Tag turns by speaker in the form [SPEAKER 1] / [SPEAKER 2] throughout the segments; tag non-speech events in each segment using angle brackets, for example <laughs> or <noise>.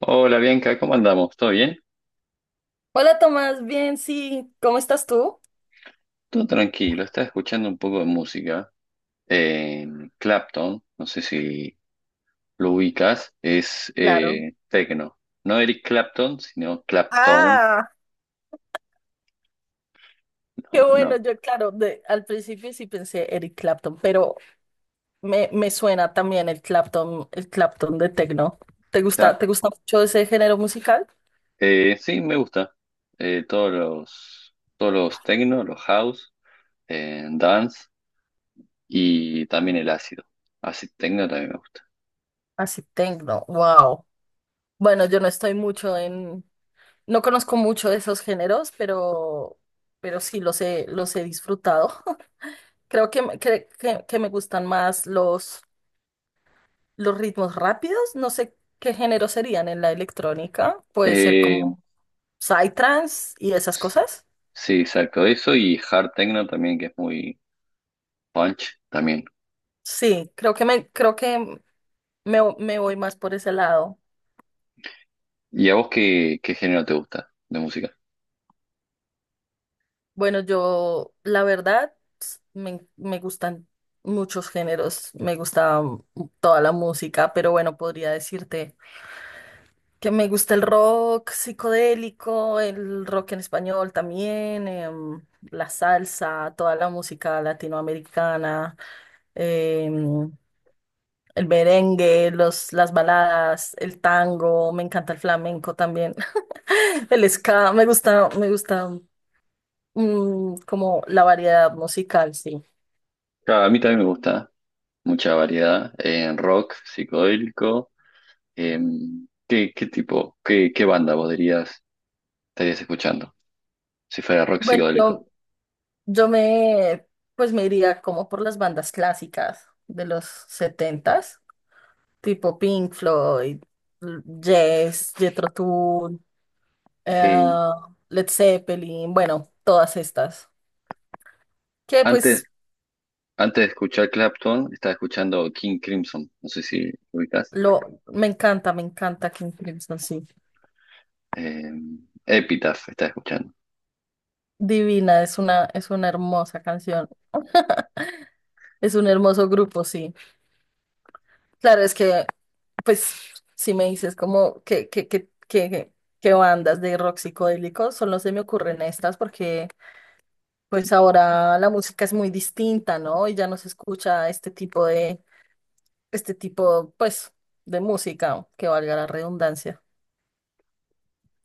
[SPEAKER 1] Hola Bianca, ¿cómo andamos? ¿Todo bien?
[SPEAKER 2] Hola Tomás, bien, sí, ¿cómo estás tú?
[SPEAKER 1] Todo tranquilo, estaba escuchando un poco de música. Eh, Clapton, no sé si lo ubicas, es
[SPEAKER 2] Claro.
[SPEAKER 1] tecno. No Eric Clapton, sino Clapton.
[SPEAKER 2] Ah, qué
[SPEAKER 1] No,
[SPEAKER 2] bueno,
[SPEAKER 1] no.
[SPEAKER 2] yo claro, de, al principio sí pensé Eric Clapton, pero me suena también el Clapton de techno.
[SPEAKER 1] Clap-
[SPEAKER 2] Te gusta mucho ese género musical?
[SPEAKER 1] sí, me gusta. Todos los, todos los tecno, los house, dance y también el ácido. Ácido tecno también me gusta.
[SPEAKER 2] Así techno, wow. Bueno, yo no estoy mucho en, no conozco mucho de esos géneros, pero sí los he disfrutado. <laughs> Creo que me gustan más los ritmos rápidos, no sé qué género serían en la electrónica. Puede ser
[SPEAKER 1] Eh,
[SPEAKER 2] como psytrance y esas cosas.
[SPEAKER 1] sí, exacto, eso y hard techno también, que es muy punch también.
[SPEAKER 2] Sí, creo que me, creo que me voy más por ese lado.
[SPEAKER 1] ¿Y a vos qué, qué género te gusta de música?
[SPEAKER 2] Bueno, yo, la verdad, me gustan muchos géneros, me gusta toda la música, pero bueno, podría decirte que me gusta el rock psicodélico, el rock en español también, la salsa, toda la música latinoamericana. em, el merengue, los, las baladas, el tango, me encanta el flamenco también, <laughs> el ska, me gusta, me gusta, como la variedad musical, sí.
[SPEAKER 1] Claro, a mí también me gusta mucha variedad en rock, psicodélico. ¿Qué, qué tipo, qué, qué banda vos dirías estarías escuchando si fuera rock
[SPEAKER 2] Bueno,
[SPEAKER 1] psicodélico?
[SPEAKER 2] yo, yo me, pues me iría como por las bandas clásicas de los 70, tipo Pink Floyd, Yes, Jethro Tull, eh,
[SPEAKER 1] Eh,
[SPEAKER 2] Led Zeppelin, bueno, todas estas. Que
[SPEAKER 1] antes
[SPEAKER 2] pues
[SPEAKER 1] antes de escuchar Clapton, estaba escuchando King Crimson, no sé si lo ubicás.
[SPEAKER 2] lo, me encanta King Crimson, sí.
[SPEAKER 1] Epitaph estaba escuchando.
[SPEAKER 2] Divina, es una hermosa canción. <laughs> Es un hermoso grupo, sí. Claro, es que, pues, si me dices como que bandas de rock psicodélico, solo se me ocurren estas porque, pues, ahora la música es muy distinta, ¿no? Y ya no se escucha este tipo de, este tipo, pues, de música, que valga la redundancia.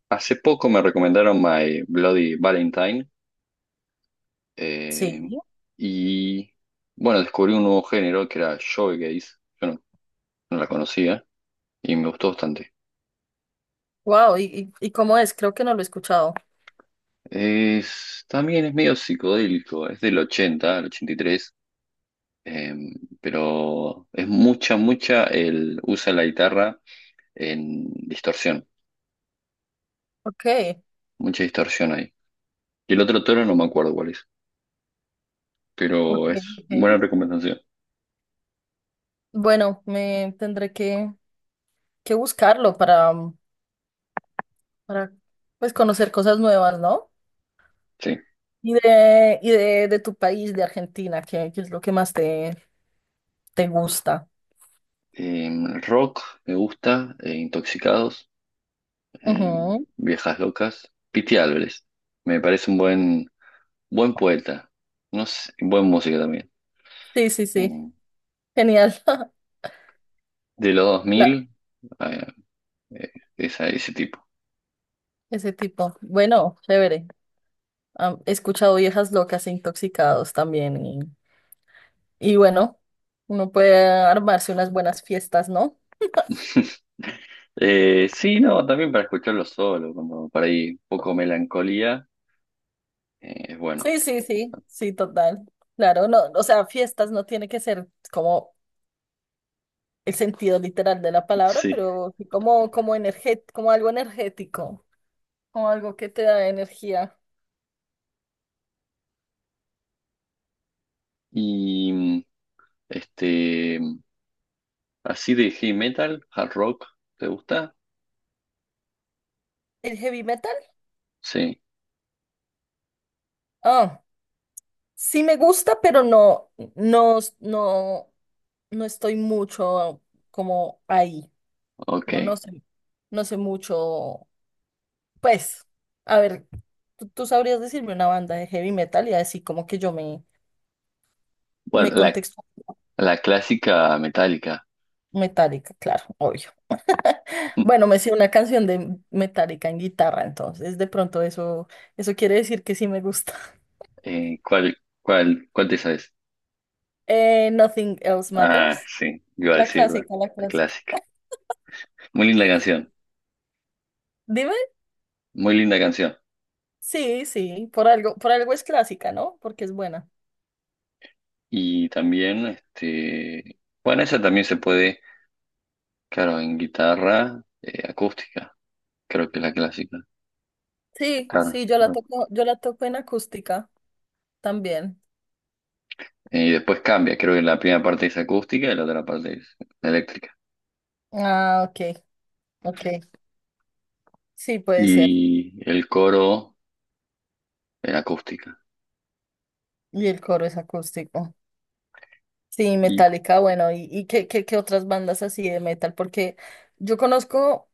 [SPEAKER 1] Hace poco me recomendaron My Bloody Valentine,
[SPEAKER 2] Sí.
[SPEAKER 1] em, y bueno, descubrí un nuevo género que era shoegaze. Yo no no la conocía y me gustó bastante.
[SPEAKER 2] Wow, ¿y, y cómo es? Creo que no lo he escuchado.
[SPEAKER 1] Es, también es medio psicodélico, es del 80 al 83, em, pero es mucha, usa la guitarra en distorsión,
[SPEAKER 2] Ok,
[SPEAKER 1] mucha distorsión ahí. Y el otro toro no me acuerdo cuál es,
[SPEAKER 2] ok,
[SPEAKER 1] pero es buena
[SPEAKER 2] ok.
[SPEAKER 1] recomendación,
[SPEAKER 2] Bueno, me tendré que buscarlo para pues conocer cosas nuevas, ¿no?
[SPEAKER 1] sí.
[SPEAKER 2] Y de tu país, de Argentina, ¿qué, qué es lo que más te, te gusta?
[SPEAKER 1] Rock me gusta, Intoxicados,
[SPEAKER 2] Ujú.
[SPEAKER 1] Viejas Locas, Pity Álvarez, me parece un buen, buen poeta, no sé, buen músico también.
[SPEAKER 2] Sí, sí, sí.
[SPEAKER 1] Em,
[SPEAKER 2] Genial. <laughs>
[SPEAKER 1] de los
[SPEAKER 2] La-
[SPEAKER 1] 2000, eh, eh, ese tipo.
[SPEAKER 2] Ese tipo. Bueno, chévere. He escuchado Viejas Locas e Intoxicados también. Y bueno, uno puede armarse unas buenas fiestas, ¿no?
[SPEAKER 1] <laughs> Sí, no, también para escucharlo solo, como para ahí poco melancolía, es bueno,
[SPEAKER 2] Sí, sí, sí, sí, total. Claro, no, o sea, fiestas no tiene que ser como el sentido literal de la palabra,
[SPEAKER 1] sí.
[SPEAKER 2] pero sí como, como algo energético, como algo que te da energía.
[SPEAKER 1] Y este, así de heavy metal, hard rock, ¿te gusta?
[SPEAKER 2] ¿El heavy metal?
[SPEAKER 1] Sí,
[SPEAKER 2] Ah, sí me gusta, pero no, no, no, no estoy mucho como ahí.
[SPEAKER 1] ok.
[SPEAKER 2] Como no sé, no sé mucho. Pues, a ver, ¿tú, tú sabrías decirme una banda de heavy metal y así como que yo me,
[SPEAKER 1] Bueno,
[SPEAKER 2] me
[SPEAKER 1] la clásica metálica.
[SPEAKER 2] Metallica, claro, obvio. <laughs> Bueno, me sé una canción de Metallica en guitarra, entonces de pronto eso, eso quiere decir que sí me gusta. <laughs>
[SPEAKER 1] <laughs> ¿Cuál, cuál, cuál te sabes?
[SPEAKER 2] Nothing Else
[SPEAKER 1] Ah,
[SPEAKER 2] Matters,
[SPEAKER 1] sí, iba a
[SPEAKER 2] la
[SPEAKER 1] decirla,
[SPEAKER 2] clásica, la
[SPEAKER 1] la
[SPEAKER 2] clásica.
[SPEAKER 1] clásica. Muy linda canción,
[SPEAKER 2] Dime,
[SPEAKER 1] muy linda canción.
[SPEAKER 2] sí, sí, por algo es clásica, ¿no? Porque es buena.
[SPEAKER 1] Y también, este, bueno, esa también se puede, claro, en guitarra, acústica, creo que es la clásica,
[SPEAKER 2] Sí,
[SPEAKER 1] claro.
[SPEAKER 2] sí,
[SPEAKER 1] Claro.
[SPEAKER 2] yo la toco en acústica también.
[SPEAKER 1] Y después cambia, creo que la primera parte es acústica y la otra parte es eléctrica.
[SPEAKER 2] Ah, ok, ok. Sí, puede ser.
[SPEAKER 1] Y el coro en acústica.
[SPEAKER 2] Y el coro es acústico. Sí,
[SPEAKER 1] Y,
[SPEAKER 2] Metallica, bueno, y qué, qué, qué otras bandas así de metal? Porque yo conozco.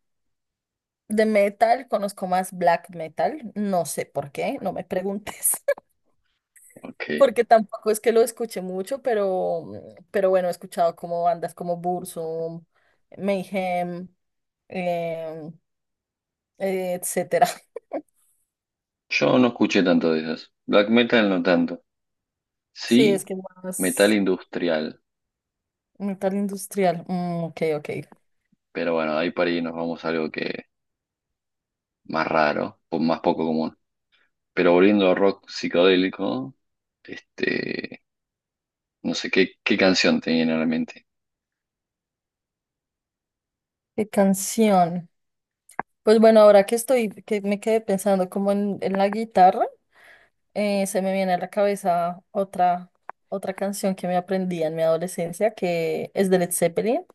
[SPEAKER 2] De metal conozco más black metal, no sé por qué, no me preguntes, <laughs>
[SPEAKER 1] ok,
[SPEAKER 2] porque tampoco es que lo escuche mucho, pero bueno, he escuchado como bandas como Burzum, Mayhem, em, etcétera. <laughs>
[SPEAKER 1] yo no escuché tanto de esas. Black metal no tanto.
[SPEAKER 2] Sí,
[SPEAKER 1] Sí,
[SPEAKER 2] es que
[SPEAKER 1] metal
[SPEAKER 2] más
[SPEAKER 1] industrial,
[SPEAKER 2] metal industrial. Mm, ok, ok.
[SPEAKER 1] pero bueno, ahí para ahí nos vamos a algo que más raro, o más poco común. Pero volviendo a rock psicodélico. Este, no sé qué, qué canción te viene a la mente.
[SPEAKER 2] ¿Qué canción? Pues bueno, ahora que estoy, que me quedé pensando como en la guitarra. Se me viene a la cabeza otra, otra canción que me aprendí en mi adolescencia, que es de Led Zeppelin,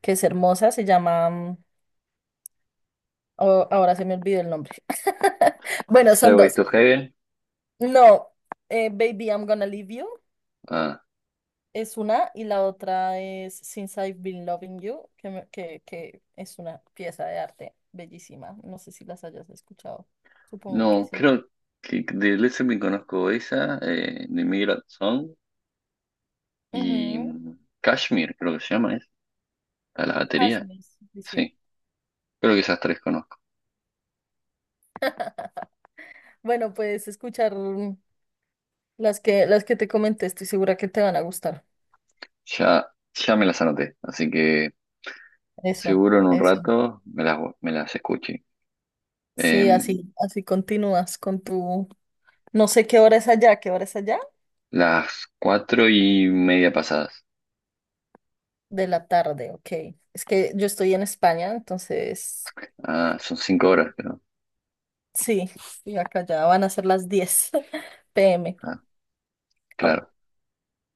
[SPEAKER 2] que es hermosa, se llama oh, ahora se me olvidó el nombre. <laughs> Bueno, son
[SPEAKER 1] Stairway
[SPEAKER 2] dos.
[SPEAKER 1] to Heaven.
[SPEAKER 2] No, Baby, I'm Gonna Leave You
[SPEAKER 1] Ah,
[SPEAKER 2] es una y la otra es Since I've Been Loving You, que es una pieza de arte bellísima. No sé si las hayas escuchado. Supongo que
[SPEAKER 1] no,
[SPEAKER 2] sí.
[SPEAKER 1] creo que de Led Zeppelin conozco esa, The Migrant Song y
[SPEAKER 2] Ujú.
[SPEAKER 1] Kashmir, creo que se llama, ¿es? A la batería.
[SPEAKER 2] Cashmere, sí, sí.
[SPEAKER 1] Sí, creo que esas tres conozco.
[SPEAKER 2] Bueno, puedes escuchar las que, las que te comenté, estoy segura que te van a gustar.
[SPEAKER 1] Ya, ya me las anoté, así que
[SPEAKER 2] Eso,
[SPEAKER 1] seguro en un
[SPEAKER 2] eso.
[SPEAKER 1] rato me las escuché.
[SPEAKER 2] Sí,
[SPEAKER 1] Em,
[SPEAKER 2] así, así continúas con tu... No sé qué hora es allá, ¿qué hora es allá?
[SPEAKER 1] las 4:30 pasadas.
[SPEAKER 2] De la tarde, ok. Es que yo estoy en España, entonces,
[SPEAKER 1] Ah, son 5 horas, creo.
[SPEAKER 2] sí, y acá ya van a ser las 10 pm.
[SPEAKER 1] Ah,
[SPEAKER 2] <laughs> Au.
[SPEAKER 1] claro.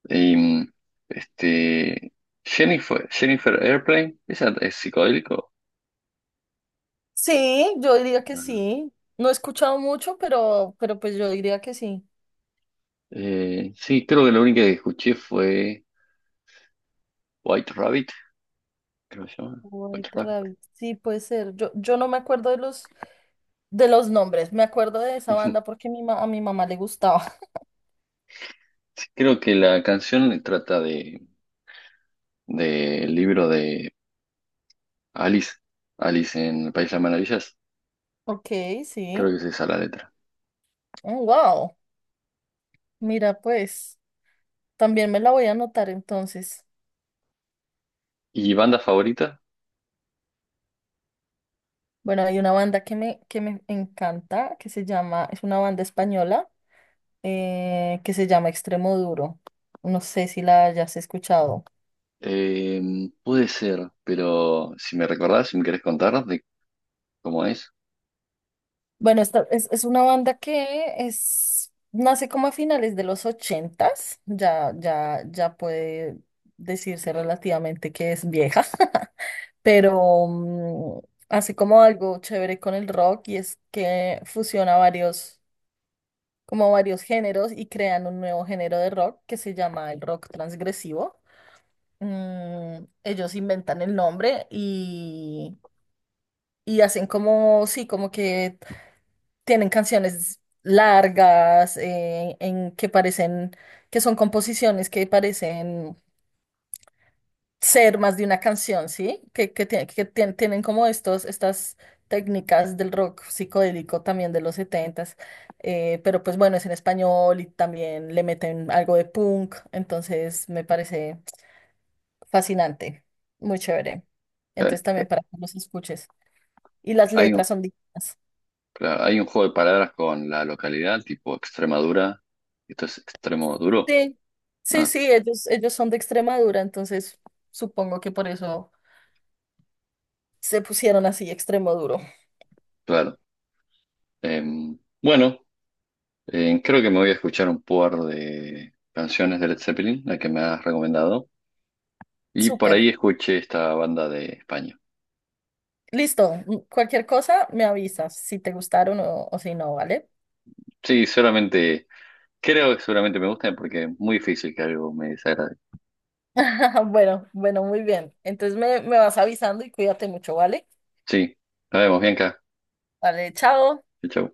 [SPEAKER 1] Y, este, Jennifer, Jennifer Airplane, ¿esa es psicodélico?
[SPEAKER 2] Sí, yo diría que
[SPEAKER 1] No, no.
[SPEAKER 2] sí. No he escuchado mucho, pero pues yo diría que sí.
[SPEAKER 1] Sí, creo que la única que escuché fue White Rabbit, creo que se llama. White
[SPEAKER 2] White
[SPEAKER 1] Rabbit.
[SPEAKER 2] Rabbit, sí, puede ser. Yo no me acuerdo de los nombres, me acuerdo de esa banda
[SPEAKER 1] <laughs>
[SPEAKER 2] porque a mi mamá le gustaba.
[SPEAKER 1] Sí, creo que la canción trata de, del libro de Alice, Alice en el País de las Maravillas.
[SPEAKER 2] Ok,
[SPEAKER 1] Creo
[SPEAKER 2] sí.
[SPEAKER 1] que es esa la letra.
[SPEAKER 2] Oh, wow. Mira, pues, también me la voy a anotar entonces.
[SPEAKER 1] ¿Y banda favorita?
[SPEAKER 2] Bueno, hay una banda que me encanta, que se llama, es una banda española, que se llama Extremoduro. No sé si la hayas escuchado.
[SPEAKER 1] Puede ser, pero si me recordás, si me querés contar de cómo es.
[SPEAKER 2] Bueno, esta, es una banda que es, nace como a finales de los 80, ya, ya, ya puede decirse relativamente que es vieja. <laughs> Pero así como algo chévere con el rock y es que fusiona varios, como varios géneros y crean un nuevo género de rock que se llama el rock transgresivo. Mm, ellos inventan el nombre y hacen como, sí, como que tienen canciones largas en que parecen, que son composiciones que parecen ser más de una canción, ¿sí? Que, tie- que tien- tienen como estos, estas técnicas del rock psicodélico también de los 70, pero pues bueno, es en español y también le meten algo de punk, entonces me parece fascinante, muy chévere. Entonces
[SPEAKER 1] Ok.
[SPEAKER 2] también para que los escuches. Y las
[SPEAKER 1] Hay,
[SPEAKER 2] letras son dignas.
[SPEAKER 1] claro, hay un juego de palabras con la localidad, tipo Extremadura. Y esto es extremo duro.
[SPEAKER 2] Sí, sí,
[SPEAKER 1] Ah,
[SPEAKER 2] sí, ellos son de Extremadura, entonces supongo que por eso se pusieron así extremo duro.
[SPEAKER 1] claro. Bueno, creo que me voy a escuchar un par de canciones de Led Zeppelin, la que me has recomendado. Y por
[SPEAKER 2] Súper.
[SPEAKER 1] ahí escuché esta banda de España.
[SPEAKER 2] Listo, cualquier cosa me avisas si te gustaron o si no, ¿vale?
[SPEAKER 1] Sí, seguramente, creo que seguramente me gusta porque es muy difícil que algo me desagrade.
[SPEAKER 2] <laughs> Bueno, bueno, muy bien. Entonces me vas avisando y cuídate mucho, ¿vale?
[SPEAKER 1] Sí, nos vemos, Bianca.
[SPEAKER 2] Vale, chao.
[SPEAKER 1] Chau. Chau.